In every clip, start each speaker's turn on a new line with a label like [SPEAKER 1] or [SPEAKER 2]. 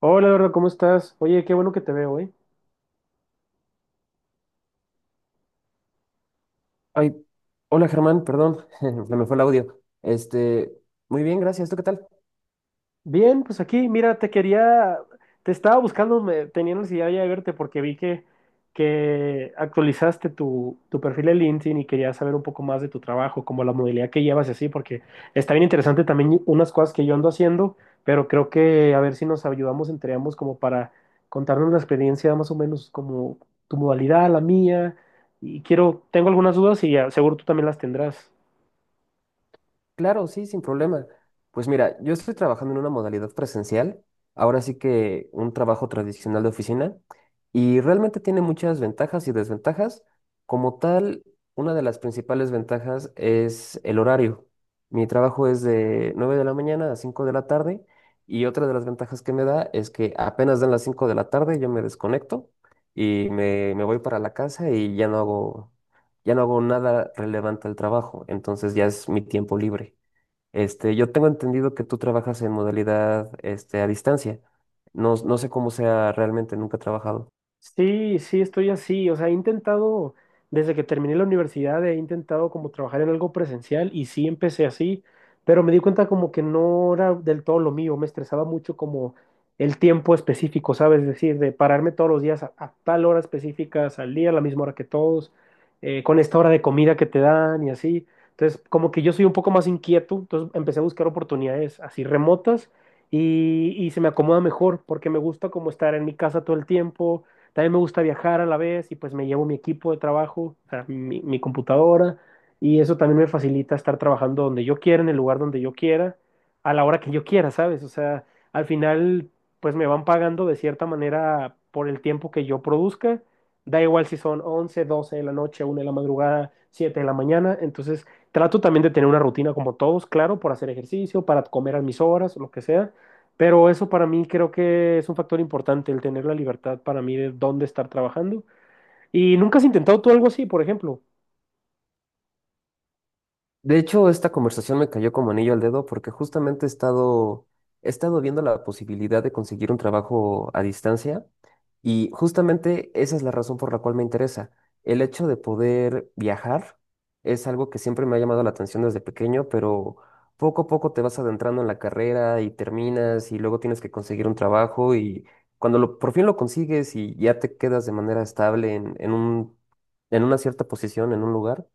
[SPEAKER 1] Hola, Eduardo, ¿cómo estás? Oye, qué bueno que te veo, ¿eh?
[SPEAKER 2] Ay, hola Germán, perdón, se me fue el audio. Este, muy bien, gracias. ¿Tú qué tal?
[SPEAKER 1] Bien, pues aquí, mira, te estaba buscando, tenía necesidad ya de verte porque vi que actualizaste tu perfil de LinkedIn y quería saber un poco más de tu trabajo, como la modalidad que llevas y así, porque está bien interesante también unas cosas que yo ando haciendo, pero creo que a ver si nos ayudamos entre ambos como para contarnos la experiencia más o menos como tu modalidad, la mía, tengo algunas dudas y ah, seguro tú también las tendrás.
[SPEAKER 2] Claro, sí, sin problema. Pues mira, yo estoy trabajando en una modalidad presencial, ahora sí que un trabajo tradicional de oficina, y realmente tiene muchas ventajas y desventajas. Como tal, una de las principales ventajas es el horario. Mi trabajo es de 9 de la mañana a 5 de la tarde, y otra de las ventajas que me da es que apenas dan las 5 de la tarde, yo me desconecto y me voy para la casa y ya no hago nada relevante al trabajo, entonces ya es mi tiempo libre. Este, yo tengo entendido que tú trabajas en modalidad, este, a distancia. No, no sé cómo sea realmente, nunca he trabajado.
[SPEAKER 1] Sí, sí, estoy así. O sea, he intentado, desde que terminé la universidad, he intentado como trabajar en algo presencial y sí empecé así, pero me di cuenta como que no era del todo lo mío. Me estresaba mucho como el tiempo específico, ¿sabes? Es decir, de pararme todos los días a tal hora específica, salir a la misma hora que todos, con esta hora de comida que te dan y así. Entonces, como que yo soy un poco más inquieto, entonces empecé a buscar oportunidades así remotas y se me acomoda mejor porque me gusta como estar en mi casa todo el tiempo también me gusta viajar a la vez y pues me llevo mi equipo de trabajo, o sea, mi computadora, y eso también me facilita estar trabajando donde yo quiera, en el lugar donde yo quiera, a la hora que yo quiera, ¿sabes? O sea, al final pues me van pagando de cierta manera por el tiempo que yo produzca. Da igual si son 11, 12 de la noche, 1 de la madrugada, 7 de la mañana. Entonces, trato también de tener una rutina como todos, claro, por hacer ejercicio, para comer a mis horas, lo que sea, pero eso para mí creo que es un factor importante, el tener la libertad para mí de dónde estar trabajando. ¿Y nunca has intentado tú algo así, por ejemplo?
[SPEAKER 2] De hecho, esta conversación me cayó como anillo al dedo porque justamente he estado viendo la posibilidad de conseguir un trabajo a distancia. Y justamente esa es la razón por la cual me interesa. El hecho de poder viajar es algo que siempre me ha llamado la atención desde pequeño, pero poco a poco te vas adentrando en la carrera y terminas y luego tienes que conseguir un trabajo y cuando por fin lo consigues y ya te quedas de manera estable en una cierta posición, en un lugar,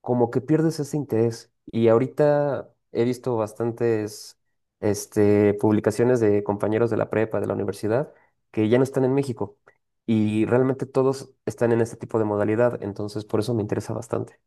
[SPEAKER 2] como que pierdes ese interés. Y ahorita he visto bastantes este, publicaciones de compañeros de la prepa, de la universidad, que ya no están en México. Y realmente todos están en este tipo de modalidad, entonces por eso me interesa bastante.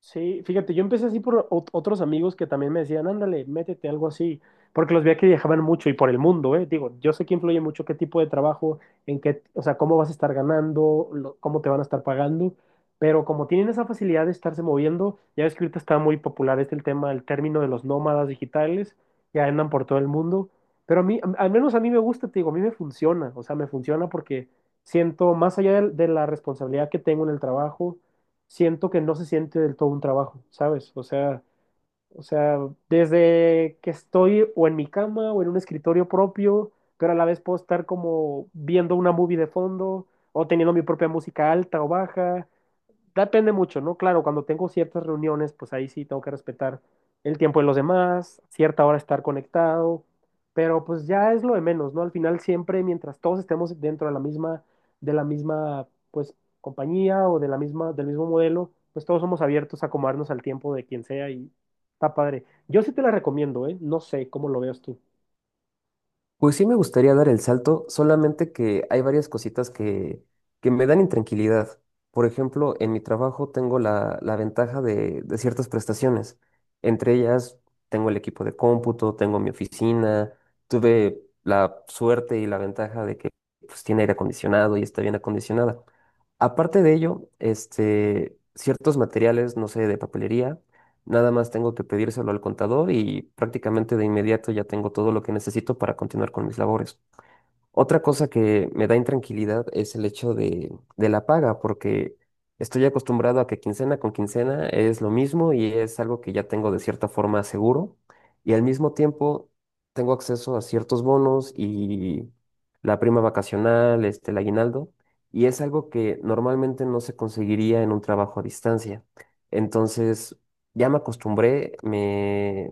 [SPEAKER 1] Sí, fíjate, yo empecé así por otros amigos que también me decían, ándale, métete algo así, porque los veía que viajaban mucho y por el mundo, ¿eh? Digo, yo sé que influye mucho qué tipo de trabajo, en qué, o sea, cómo vas a estar ganando, cómo te van a estar pagando, pero como tienen esa facilidad de estarse moviendo, ya ves que ahorita está muy popular este el tema, el término de los nómadas digitales, ya andan por todo el mundo, pero a mí, al menos a mí me gusta, te digo, a mí me funciona, o sea, me funciona porque siento más allá de la responsabilidad que tengo en el trabajo siento que no se siente del todo un trabajo, ¿sabes? O sea, desde que estoy o en mi cama o en un escritorio propio, pero a la vez puedo estar como viendo una movie de fondo o teniendo mi propia música alta o baja depende mucho, ¿no? Claro, cuando tengo ciertas reuniones, pues ahí sí tengo que respetar el tiempo de los demás, cierta hora estar conectado, pero pues ya es lo de menos, ¿no? Al final siempre, mientras todos estemos dentro de la misma, pues, compañía o de la misma, del mismo modelo, pues todos somos abiertos a acomodarnos al tiempo de quien sea y está padre. Yo sí te la recomiendo, ¿eh? No sé cómo lo veas tú.
[SPEAKER 2] Pues sí me gustaría dar el salto, solamente que hay varias cositas que me dan intranquilidad. Por ejemplo, en mi trabajo tengo la ventaja de ciertas prestaciones. Entre ellas, tengo el equipo de cómputo, tengo mi oficina, tuve la suerte y la ventaja de que pues, tiene aire acondicionado y está bien acondicionada. Aparte de ello, este, ciertos materiales, no sé, de papelería. Nada más tengo que pedírselo al contador y prácticamente de inmediato ya tengo todo lo que necesito para continuar con mis labores. Otra cosa que me da intranquilidad es el hecho de la paga, porque estoy acostumbrado a que quincena con quincena es lo mismo y es algo que ya tengo de cierta forma seguro. Y al mismo tiempo tengo acceso a ciertos bonos y la prima vacacional, este, el aguinaldo, y es algo que normalmente no se conseguiría en un trabajo a distancia. Entonces, ya me acostumbré, me,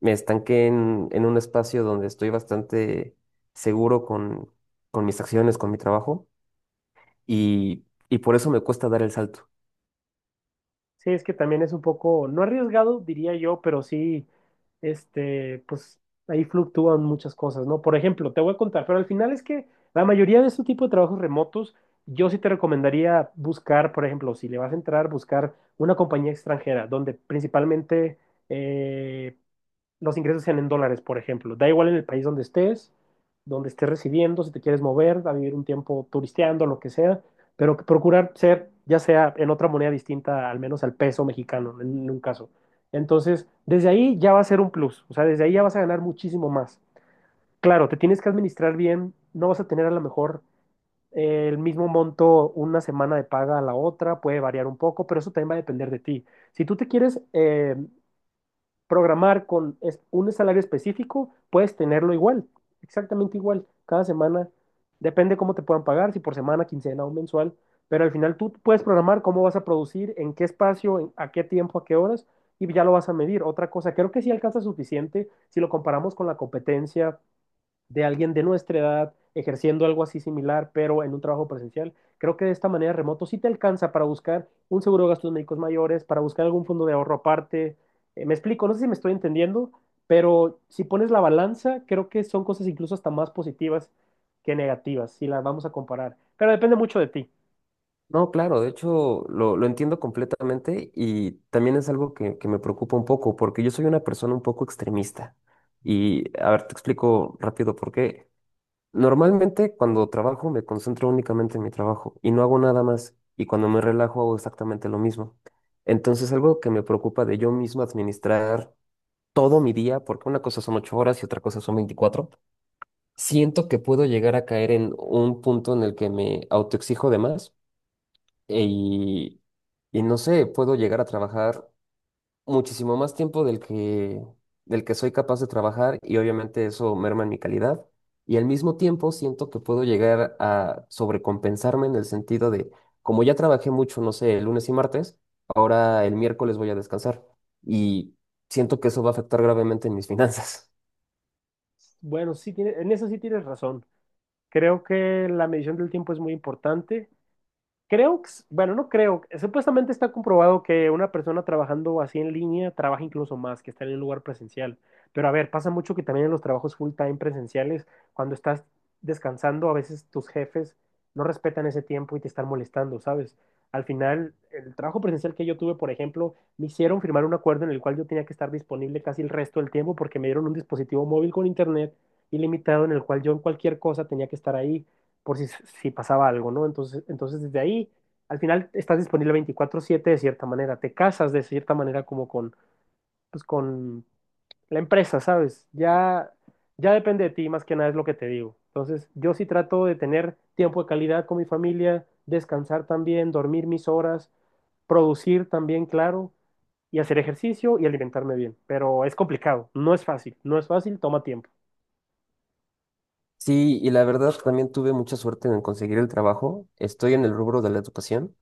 [SPEAKER 2] me estanqué en un espacio donde estoy bastante seguro con mis acciones, con mi trabajo, y por eso me cuesta dar el salto.
[SPEAKER 1] Sí, es que también es un poco, no arriesgado, diría yo, pero sí, este, pues ahí fluctúan muchas cosas, ¿no? Por ejemplo, te voy a contar, pero al final es que la mayoría de este tipo de trabajos remotos, yo sí te recomendaría buscar, por ejemplo, si le vas a entrar, buscar una compañía extranjera, donde principalmente, eh, los ingresos sean en dólares, por ejemplo. Da igual en el país donde estés residiendo, si te quieres mover, a vivir un tiempo turisteando, lo que sea, pero que procurar ser, ya sea en otra moneda distinta, al menos al peso mexicano, en un caso. Entonces, desde ahí ya va a ser un plus, o sea, desde ahí ya vas a ganar muchísimo más. Claro, te tienes que administrar bien, no vas a tener a lo mejor el mismo monto una semana de paga a la otra, puede variar un poco, pero eso también va a depender de ti. Si tú te quieres programar con un salario específico, puedes tenerlo igual, exactamente igual, cada semana, depende cómo te puedan pagar, si por semana, quincena o mensual, pero al final tú puedes programar cómo vas a producir, en qué espacio, a qué tiempo, a qué horas, y ya lo vas a medir. Otra cosa, creo que sí alcanza suficiente si lo comparamos con la competencia de alguien de nuestra edad ejerciendo algo así similar, pero en un trabajo presencial. Creo que de esta manera remoto sí te alcanza para buscar un seguro de gastos médicos mayores, para buscar algún fondo de ahorro aparte. Me explico, no sé si me estoy entendiendo, pero si pones la balanza, creo que son cosas incluso hasta más positivas que negativas, si las vamos a comparar. Pero depende mucho de ti.
[SPEAKER 2] No, claro, de hecho lo entiendo completamente y también es algo que me preocupa un poco porque yo soy una persona un poco extremista. Y a ver, te explico rápido por qué. Normalmente cuando trabajo me concentro únicamente en mi trabajo y no hago nada más. Y cuando me relajo hago exactamente lo mismo. Entonces algo que me preocupa de yo mismo administrar todo mi día, porque una cosa son 8 horas y otra cosa son 24. Siento que puedo llegar a caer en un punto en el que me autoexijo de más e- y, y no sé, puedo llegar a trabajar muchísimo más tiempo del que soy capaz de trabajar y obviamente eso merma en mi calidad. Y al mismo tiempo siento que puedo llegar a sobrecompensarme en el sentido de, como ya trabajé mucho, no sé, el lunes y martes, ahora el miércoles voy a descansar y siento que eso va a afectar gravemente en mis finanzas.
[SPEAKER 1] Bueno, en eso sí tienes razón. Creo que la medición del tiempo es muy importante. Creo, bueno, no creo, supuestamente está comprobado que una persona trabajando así en línea trabaja incluso más que estar en un lugar presencial. Pero a ver, pasa mucho que también en los trabajos full time presenciales, cuando estás descansando, a veces tus jefes no respetan ese tiempo y te están molestando, ¿sabes? Al final, el trabajo presencial que yo tuve, por ejemplo, me hicieron firmar un acuerdo en el cual yo tenía que estar disponible casi el resto del tiempo porque me dieron un dispositivo móvil con internet ilimitado en el cual yo en cualquier cosa tenía que estar ahí por si pasaba algo, ¿no? Entonces desde ahí, al final estás disponible 24/7 de cierta manera, te casas de cierta manera como con, pues, con la empresa, ¿sabes? Ya, ya depende de ti, más que nada es lo que te digo. Entonces, yo sí trato de tener tiempo de calidad con mi familia, descansar también, dormir mis horas, producir también, claro, y hacer ejercicio y alimentarme bien. Pero es complicado, no es fácil, no es fácil, toma tiempo.
[SPEAKER 2] Sí, y la verdad también tuve mucha suerte en conseguir el trabajo. Estoy en el rubro de la educación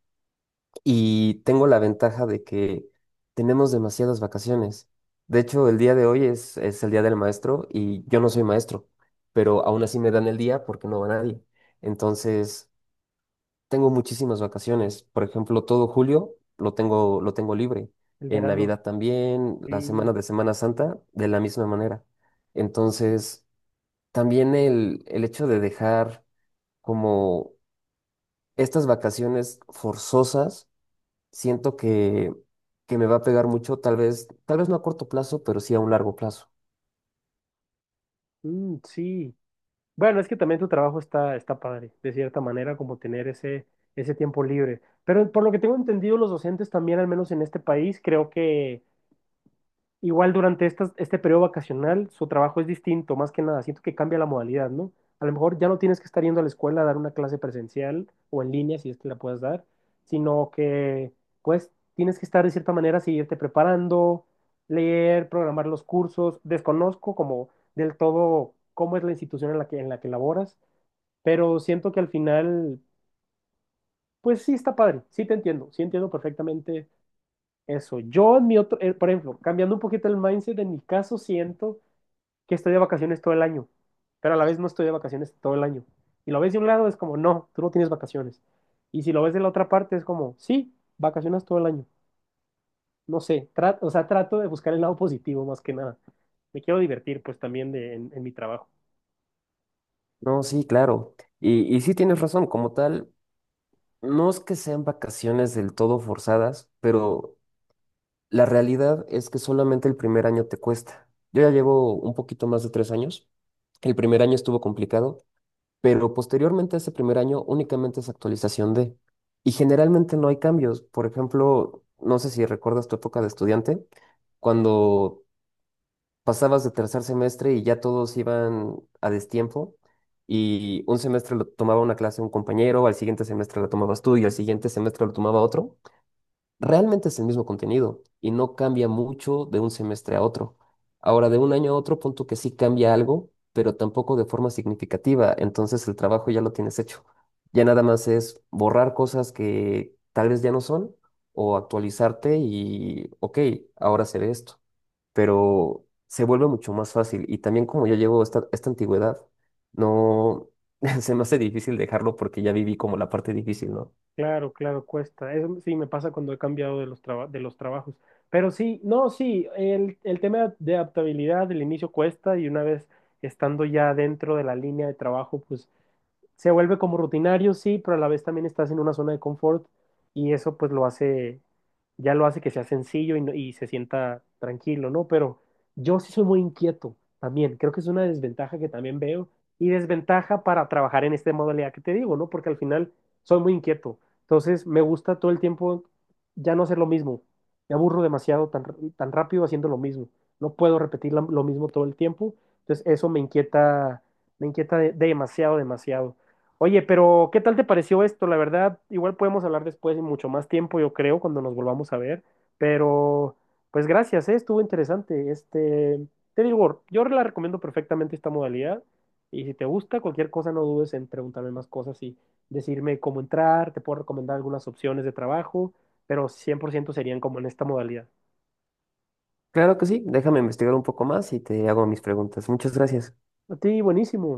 [SPEAKER 2] y tengo la ventaja de que tenemos demasiadas vacaciones. De hecho, el día de hoy es el día del maestro y yo no soy maestro, pero aún así me dan el día porque no va nadie. Entonces, tengo muchísimas vacaciones. Por ejemplo, todo julio lo tengo libre.
[SPEAKER 1] El
[SPEAKER 2] En
[SPEAKER 1] verano.
[SPEAKER 2] Navidad también, la
[SPEAKER 1] Sí,
[SPEAKER 2] semana de Semana Santa, de la misma manera. Entonces, también el hecho de dejar como estas vacaciones forzosas, siento que me va a pegar mucho, tal vez no a corto plazo, pero sí a un largo plazo.
[SPEAKER 1] mm, sí. Bueno, es que también tu trabajo está padre, de cierta manera, como tener ese tiempo libre. Pero por lo que tengo entendido, los docentes también, al menos en este país, creo que igual durante este periodo vacacional, su trabajo es distinto, más que nada. Siento que cambia la modalidad, ¿no? A lo mejor ya no tienes que estar yendo a la escuela a dar una clase presencial o en línea, si es que la puedas dar, sino que, pues, tienes que estar de cierta manera, seguirte preparando, leer, programar los cursos. Desconozco como del todo cómo es la institución en la que laboras pero siento que al final, pues sí está padre, sí te entiendo, sí entiendo perfectamente eso. Yo en mi otro, por ejemplo, cambiando un poquito el mindset, en mi caso siento que estoy de vacaciones todo el año, pero a la vez no estoy de vacaciones todo el año. Y lo ves de un lado es como, no, tú no tienes vacaciones. Y si lo ves de la otra parte es como, sí, vacaciones todo el año. No sé, o sea, trato de buscar el lado positivo más que nada. Me quiero divertir pues también en mi trabajo.
[SPEAKER 2] No, sí, claro. Y sí tienes razón, como tal, no es que sean vacaciones del todo forzadas, pero la realidad es que solamente el primer año te cuesta. Yo ya llevo un poquito más de 3 años. El primer año estuvo complicado pero posteriormente a ese primer año únicamente es actualización de. Y generalmente no hay cambios. Por ejemplo, no sé si recuerdas tu época de estudiante, cuando pasabas de tercer semestre y ya todos iban a destiempo y un semestre lo tomaba una clase un compañero, al siguiente semestre la tomabas tú y al siguiente semestre lo tomaba otro. Realmente es el mismo contenido y no cambia mucho de un semestre a otro. Ahora, de un año a otro, punto que sí cambia algo, pero tampoco de forma significativa. Entonces el trabajo ya lo tienes hecho. Ya nada más es borrar cosas que tal vez ya no son o actualizarte y, ok, ahora seré esto. Pero se vuelve mucho más fácil y también como yo llevo esta antigüedad, no se me hace difícil dejarlo porque ya viví como la parte difícil, ¿no?
[SPEAKER 1] Claro, claro, cuesta. Eso sí me pasa cuando he cambiado de los trabajos. Pero sí, no, sí, el tema de adaptabilidad del inicio cuesta y una vez estando ya dentro de la línea de trabajo, pues se vuelve como rutinario, sí, pero a la vez también estás en una zona de confort y eso pues lo hace, ya lo hace que sea sencillo y, y se sienta tranquilo, ¿no? Pero yo sí soy muy inquieto también, creo que es una desventaja que también veo y desventaja para trabajar en esta modalidad que te digo, ¿no? Porque al final soy muy inquieto, entonces me gusta todo el tiempo ya no hacer lo mismo, me aburro demasiado tan, tan rápido haciendo lo mismo, no puedo repetir lo mismo todo el tiempo, entonces eso me inquieta demasiado, demasiado. Oye, pero ¿qué tal te pareció esto? La verdad, igual podemos hablar después y mucho más tiempo, yo creo, cuando nos volvamos a ver. Pero, pues gracias, ¿eh? Estuvo interesante. Este, te digo, yo la recomiendo perfectamente esta modalidad. Y si te gusta cualquier cosa, no dudes en preguntarme más cosas y decirme cómo entrar. Te puedo recomendar algunas opciones de trabajo, pero 100% serían como en esta modalidad.
[SPEAKER 2] Claro que sí, déjame investigar un poco más y te hago mis preguntas. Muchas gracias.
[SPEAKER 1] A ti, buenísimo.